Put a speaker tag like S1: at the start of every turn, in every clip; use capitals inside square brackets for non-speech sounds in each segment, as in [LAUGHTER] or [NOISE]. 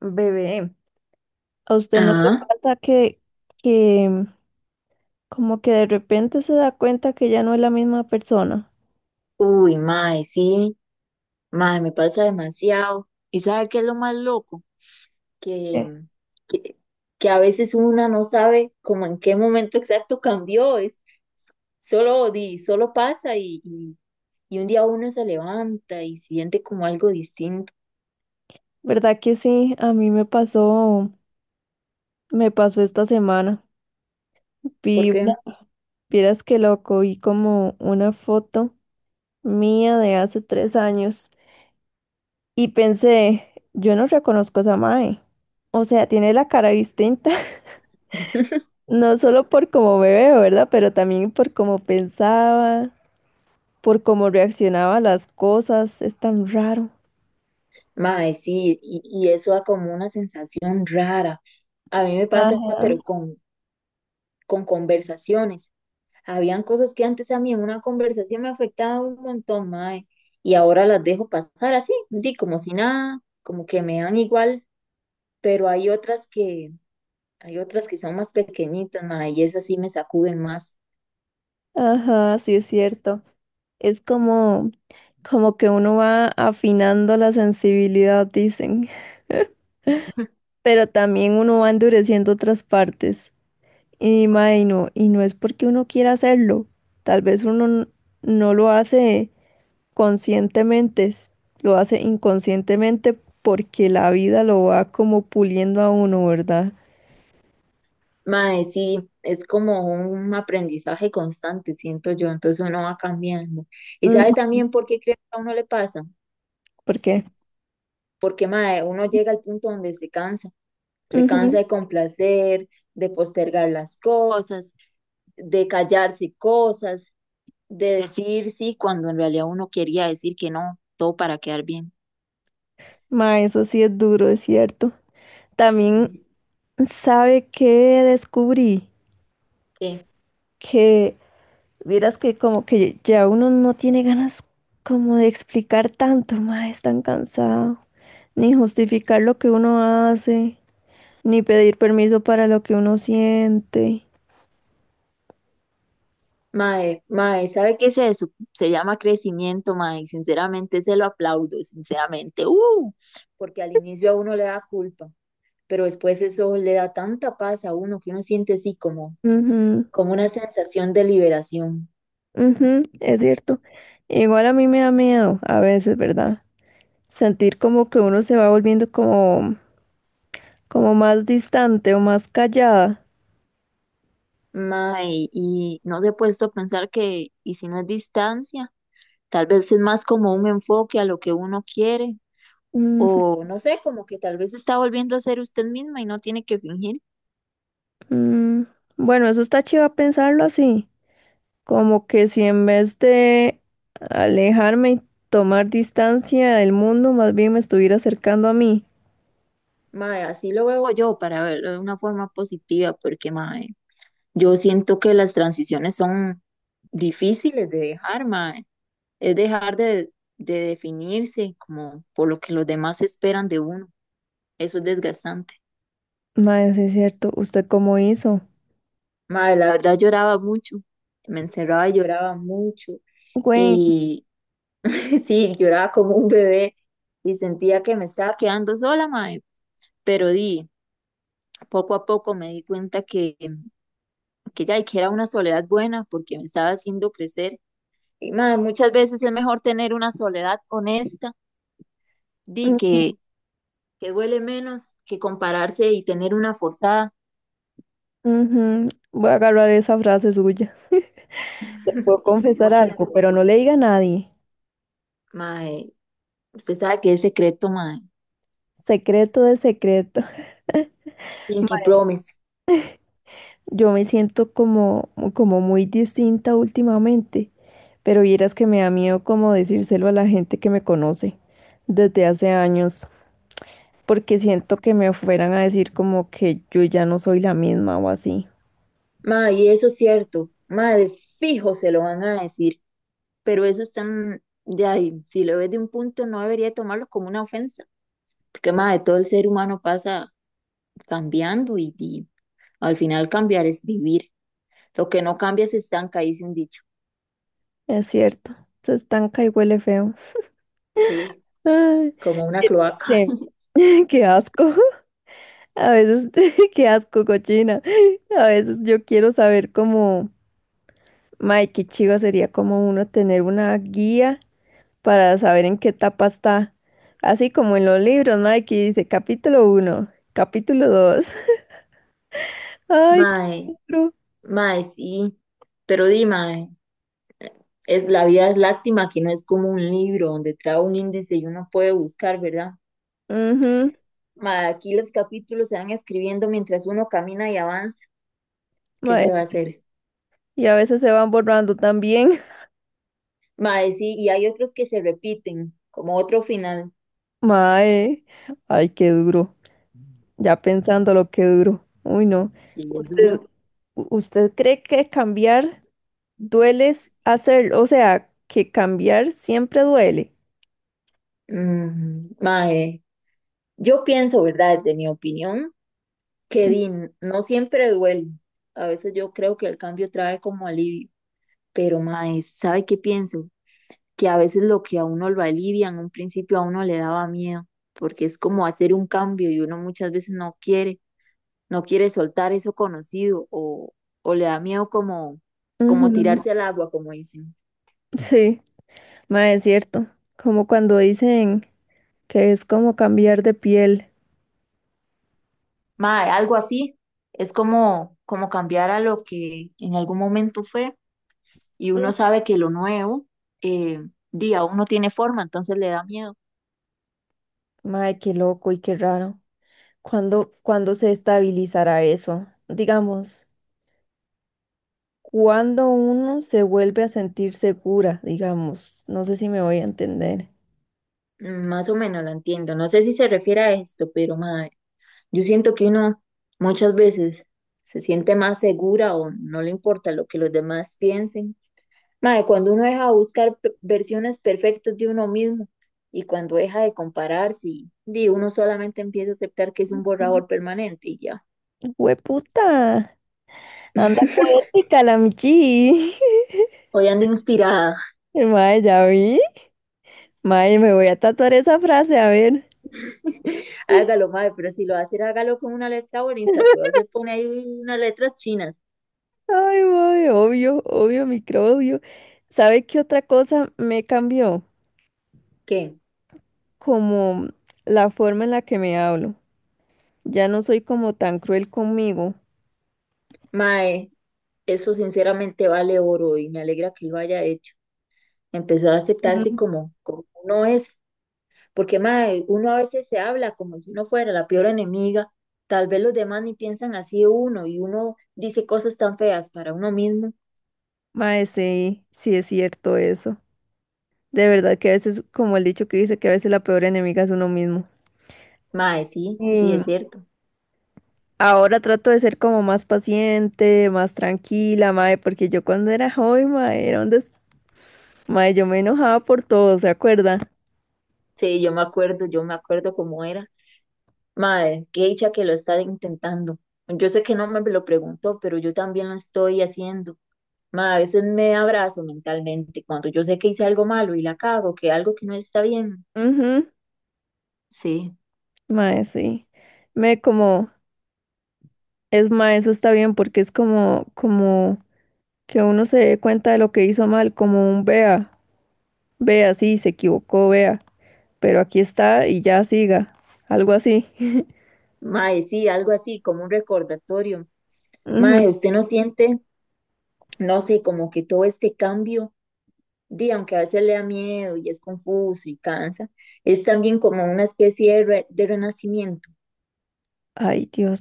S1: Bebé, ¿a usted no le
S2: Ah,
S1: pasa que, que como que de repente se da cuenta que ya no es la misma persona?
S2: uy, mae, sí, mae, me pasa demasiado. ¿Y sabe qué es lo más loco? Que,
S1: Sí.
S2: que, que a veces una no sabe como en qué momento exacto cambió, es solo, di, solo pasa y un día uno se levanta y siente como algo distinto,
S1: ¿Verdad que sí? A mí me pasó esta semana. Vi,
S2: porque,
S1: una- vieras que loco, vi como una foto mía de hace 3 años y pensé, yo no reconozco a esa mae. O sea, tiene la cara distinta, [LAUGHS] no solo por cómo me veo, ¿verdad? Pero también por cómo pensaba, por cómo reaccionaba a las cosas, es tan raro.
S2: mae, sí, y eso da como una sensación rara. A mí me pasa,
S1: Ajá.
S2: pero con conversaciones. Habían cosas que antes a mí en una conversación me afectaban un montón, mae, y ahora las dejo pasar así, di como si nada, como que me dan igual, pero hay otras que son más pequeñitas, mae, y esas sí me sacuden más.
S1: Ajá, sí es cierto. Es como, como que uno va afinando la sensibilidad, dicen, pero también uno va endureciendo otras partes. Y mae, no, y no es porque uno quiera hacerlo. Tal vez uno n- no lo hace conscientemente, lo hace inconscientemente porque la vida lo va como puliendo a uno, ¿verdad?
S2: Mae, sí, es como un aprendizaje constante, siento yo, entonces uno va cambiando. ¿Y sabe
S1: Ujú.
S2: también por qué creo que a uno le pasa?
S1: Porque
S2: Porque, mae, uno llega al punto donde se cansa. Se cansa de complacer, de postergar las cosas, de callarse cosas, de decir sí cuando en realidad uno quería decir que no, todo para quedar bien.
S1: ma, eso sí es duro, es cierto. También
S2: Sí.
S1: sabe que descubrí
S2: ¿Qué?
S1: que, vieras que como que ya uno no tiene ganas como de explicar tanto, ma, es tan cansado. Ni justificar lo que uno hace, ni pedir permiso para lo que uno siente.
S2: Mae, mae, ¿sabe qué es eso? Se llama crecimiento, mae, y sinceramente se lo aplaudo, sinceramente, porque al inicio a uno le da culpa, pero después eso le da tanta paz a uno que uno siente así como,
S1: Ujú,
S2: como una sensación de liberación.
S1: ujú, es cierto. Igual a mí me da miedo a veces, ¿verdad? Sentir como que uno se va volviendo como, como más distante o más callada.
S2: Mae, y no se ha puesto a pensar que, y si no es distancia, tal vez es más como un enfoque a lo que uno quiere, o no sé, como que tal vez está volviendo a ser usted misma y no tiene que fingir.
S1: Mm, bueno, eso está chido pensarlo así, como que si en vez de alejarme y tomar distancia del mundo, más bien me estuviera acercando a mí.
S2: Mae, así lo veo yo para verlo de una forma positiva, porque mae, yo siento que las transiciones son difíciles de dejar, mae, es de definirse como por lo que los demás esperan de uno. Eso es desgastante.
S1: Mae, sí es cierto, ¿usted cómo hizo?
S2: Madre, la verdad lloraba mucho, me encerraba y lloraba mucho
S1: Güey,
S2: y [LAUGHS] sí, lloraba como un bebé y sentía que me estaba quedando sola, madre, pero di, poco a poco me di cuenta que ya, y que era una soledad buena porque me estaba haciendo crecer y madre, muchas veces es mejor tener una soledad honesta, di,
S1: mm,
S2: que duele menos que compararse y tener una forzada.
S1: ujú, voy a agarrar esa frase suya. [LAUGHS] Le puedo
S2: [LAUGHS]
S1: confesar
S2: Mochila
S1: algo, pero
S2: poeta,
S1: no le diga a nadie.
S2: mae, usted sabe que es secreto, mae.
S1: Secreto de secreto. [LAUGHS]
S2: Pinky
S1: Mae,
S2: Promise.
S1: yo me siento como, como muy distinta últimamente. Pero vieras que me da miedo como decírselo a la gente que me conoce desde hace años, porque siento que me fueran a decir como que yo ya no soy la misma o así.
S2: Ma, y eso es cierto, madre, fijo se lo van a decir, pero eso es tan, de ahí, si lo ves de un punto no debería tomarlo como una ofensa, porque madre todo el ser humano pasa cambiando y al final cambiar es vivir, lo que no cambia se estanca, dice un dicho,
S1: Es cierto, se estanca y huele feo.
S2: sí,
S1: Ay,
S2: como una
S1: vieras
S2: cloaca,
S1: que- [LAUGHS] qué asco. A veces, [LAUGHS] qué asco, cochina. A veces yo quiero saber cómo, Mike, qué chiva sería como uno tener una guía para saber en qué etapa está. Así como en los libros, Mike, que dice capítulo uno, capítulo dos. Ay,
S2: madre,
S1: qué pro.
S2: madre sí, pero di, ma, es, la vida es lástima que no es como un libro donde trae un índice y uno puede buscar, ¿verdad?
S1: Ujú,
S2: Ma, aquí los capítulos se van escribiendo mientras uno camina y avanza. ¿Qué
S1: mae.
S2: se va a hacer?
S1: Y a veces se van borrando también.
S2: Mae, sí, y hay otros que se repiten, como otro final.
S1: [LAUGHS] Mae. Ay, qué duro. Ya pensando lo que duro. Uy, no.
S2: Sí, es
S1: ¿Usted,
S2: duro.
S1: usted cree que cambiar duele s- hacer, o sea, que cambiar siempre duele?
S2: Mm, mae, yo pienso, ¿verdad? Desde mi opinión, que di, no siempre duele. A veces yo creo que el cambio trae como alivio, pero mae, ¿sabe qué pienso? Que a veces lo que a uno lo alivia en un principio a uno le daba miedo, porque es como hacer un cambio y uno muchas veces no quiere, no quiere soltar eso conocido o le da miedo como, como
S1: Ujú.
S2: tirarse al agua, como dicen.
S1: Sí, mae, es cierto. Como cuando dicen que es como cambiar de piel.
S2: Mae, algo así. Es como, como cambiar a lo que en algún momento fue y
S1: Mm.
S2: uno sabe que lo nuevo, eh, di, aún no tiene forma, entonces le da miedo.
S1: Mae, qué loco y qué raro. ¿ cuándo se estabilizará eso? Digamos, cuando uno se vuelve a sentir segura, digamos, no sé si me voy a entender.
S2: Mm, más o menos la entiendo. No sé si se refiere a esto, pero mae, yo siento que uno muchas veces se siente más segura o no le importa lo que los demás piensen. Mae, cuando uno deja de buscar versiones perfectas de uno mismo y cuando deja de compararse, y, di, uno solamente empieza a aceptar que es un borrador permanente y ya.
S1: ¡Hueputa! Anda
S2: [LAUGHS]
S1: poética la Michi.
S2: Hoy ando inspirada.
S1: [LAUGHS] Mae, ya vi. Mae, me voy a tatuar esa frase, a ver.
S2: [LAUGHS]
S1: [LAUGHS]
S2: Hágalo, madre, pero si lo va a hacer, hágalo con una letra bonita. Cuidado, se pone ahí unas letras chinas.
S1: Ay, mae, obvio, obvio, microbio. ¿Sabe qué otra cosa me cambió?
S2: ¿Qué?
S1: Como la forma en la que me hablo. Ya no soy como tan cruel conmigo.
S2: Mae, eso sinceramente vale oro y me alegra que lo haya hecho. Empezó a aceptarse como, como uno es. Porque, mae, uno a veces se habla como si uno fuera la peor enemiga. Tal vez los demás ni piensan así de uno y uno dice cosas tan feas para uno mismo.
S1: Mae, sí, sí es cierto eso. De verdad que a veces, como el dicho que dice, que a veces la peor enemiga es uno mismo.
S2: Mae, sí, sí,
S1: Y
S2: es cierto.
S1: ahora trato de ser como más paciente, más tranquila, mae, porque yo cuando era joven, mae, era mae, yo me enojaba por todo, ¿se acuerda?
S2: Sí, yo me acuerdo cómo era. Madre, qué dicha que lo está intentando. Yo sé que no me lo preguntó, pero yo también lo estoy haciendo. Madre, a veces me abrazo mentalmente cuando yo sé que hice algo malo y la cago, que algo que no está bien.
S1: Ujú,
S2: Sí,
S1: mae, sí. Me como, es mae, eso está bien porque es como, como que uno se dé cuenta de lo que hizo mal, como un vea, vea, sí, se equivocó, vea, pero aquí está y ya siga, algo así. [LAUGHS]
S2: madre, sí, algo así, como un recordatorio.
S1: Ujú.
S2: Madre, usted no siente, no sé, como que todo este cambio, di, aunque a veces le da miedo y es confuso y cansa, es también como una especie de, de renacimiento,
S1: Ay, Dios.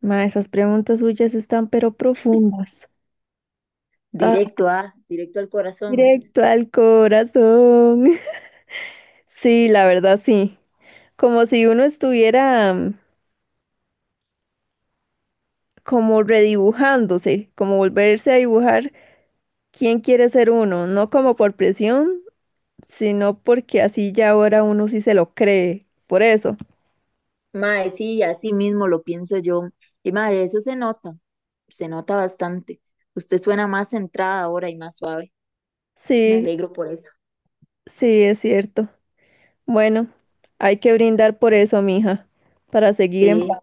S1: Ma, esas preguntas suyas están pero profundas. Ah,
S2: directo al corazón.
S1: directo al corazón. [LAUGHS] Sí, la verdad sí. Como si uno estuviera como redibujándose, como volverse a dibujar quién quiere ser uno, no como por presión, sino porque así ya ahora uno sí se lo cree. Por eso.
S2: Mae, sí, así mismo lo pienso yo. Y mae, eso se nota bastante. Usted suena más centrada ahora y más suave. Me
S1: Sí,
S2: alegro por eso.
S1: sí, es cierto. Bueno, hay que brindar por eso, mija, para seguir en
S2: Sí.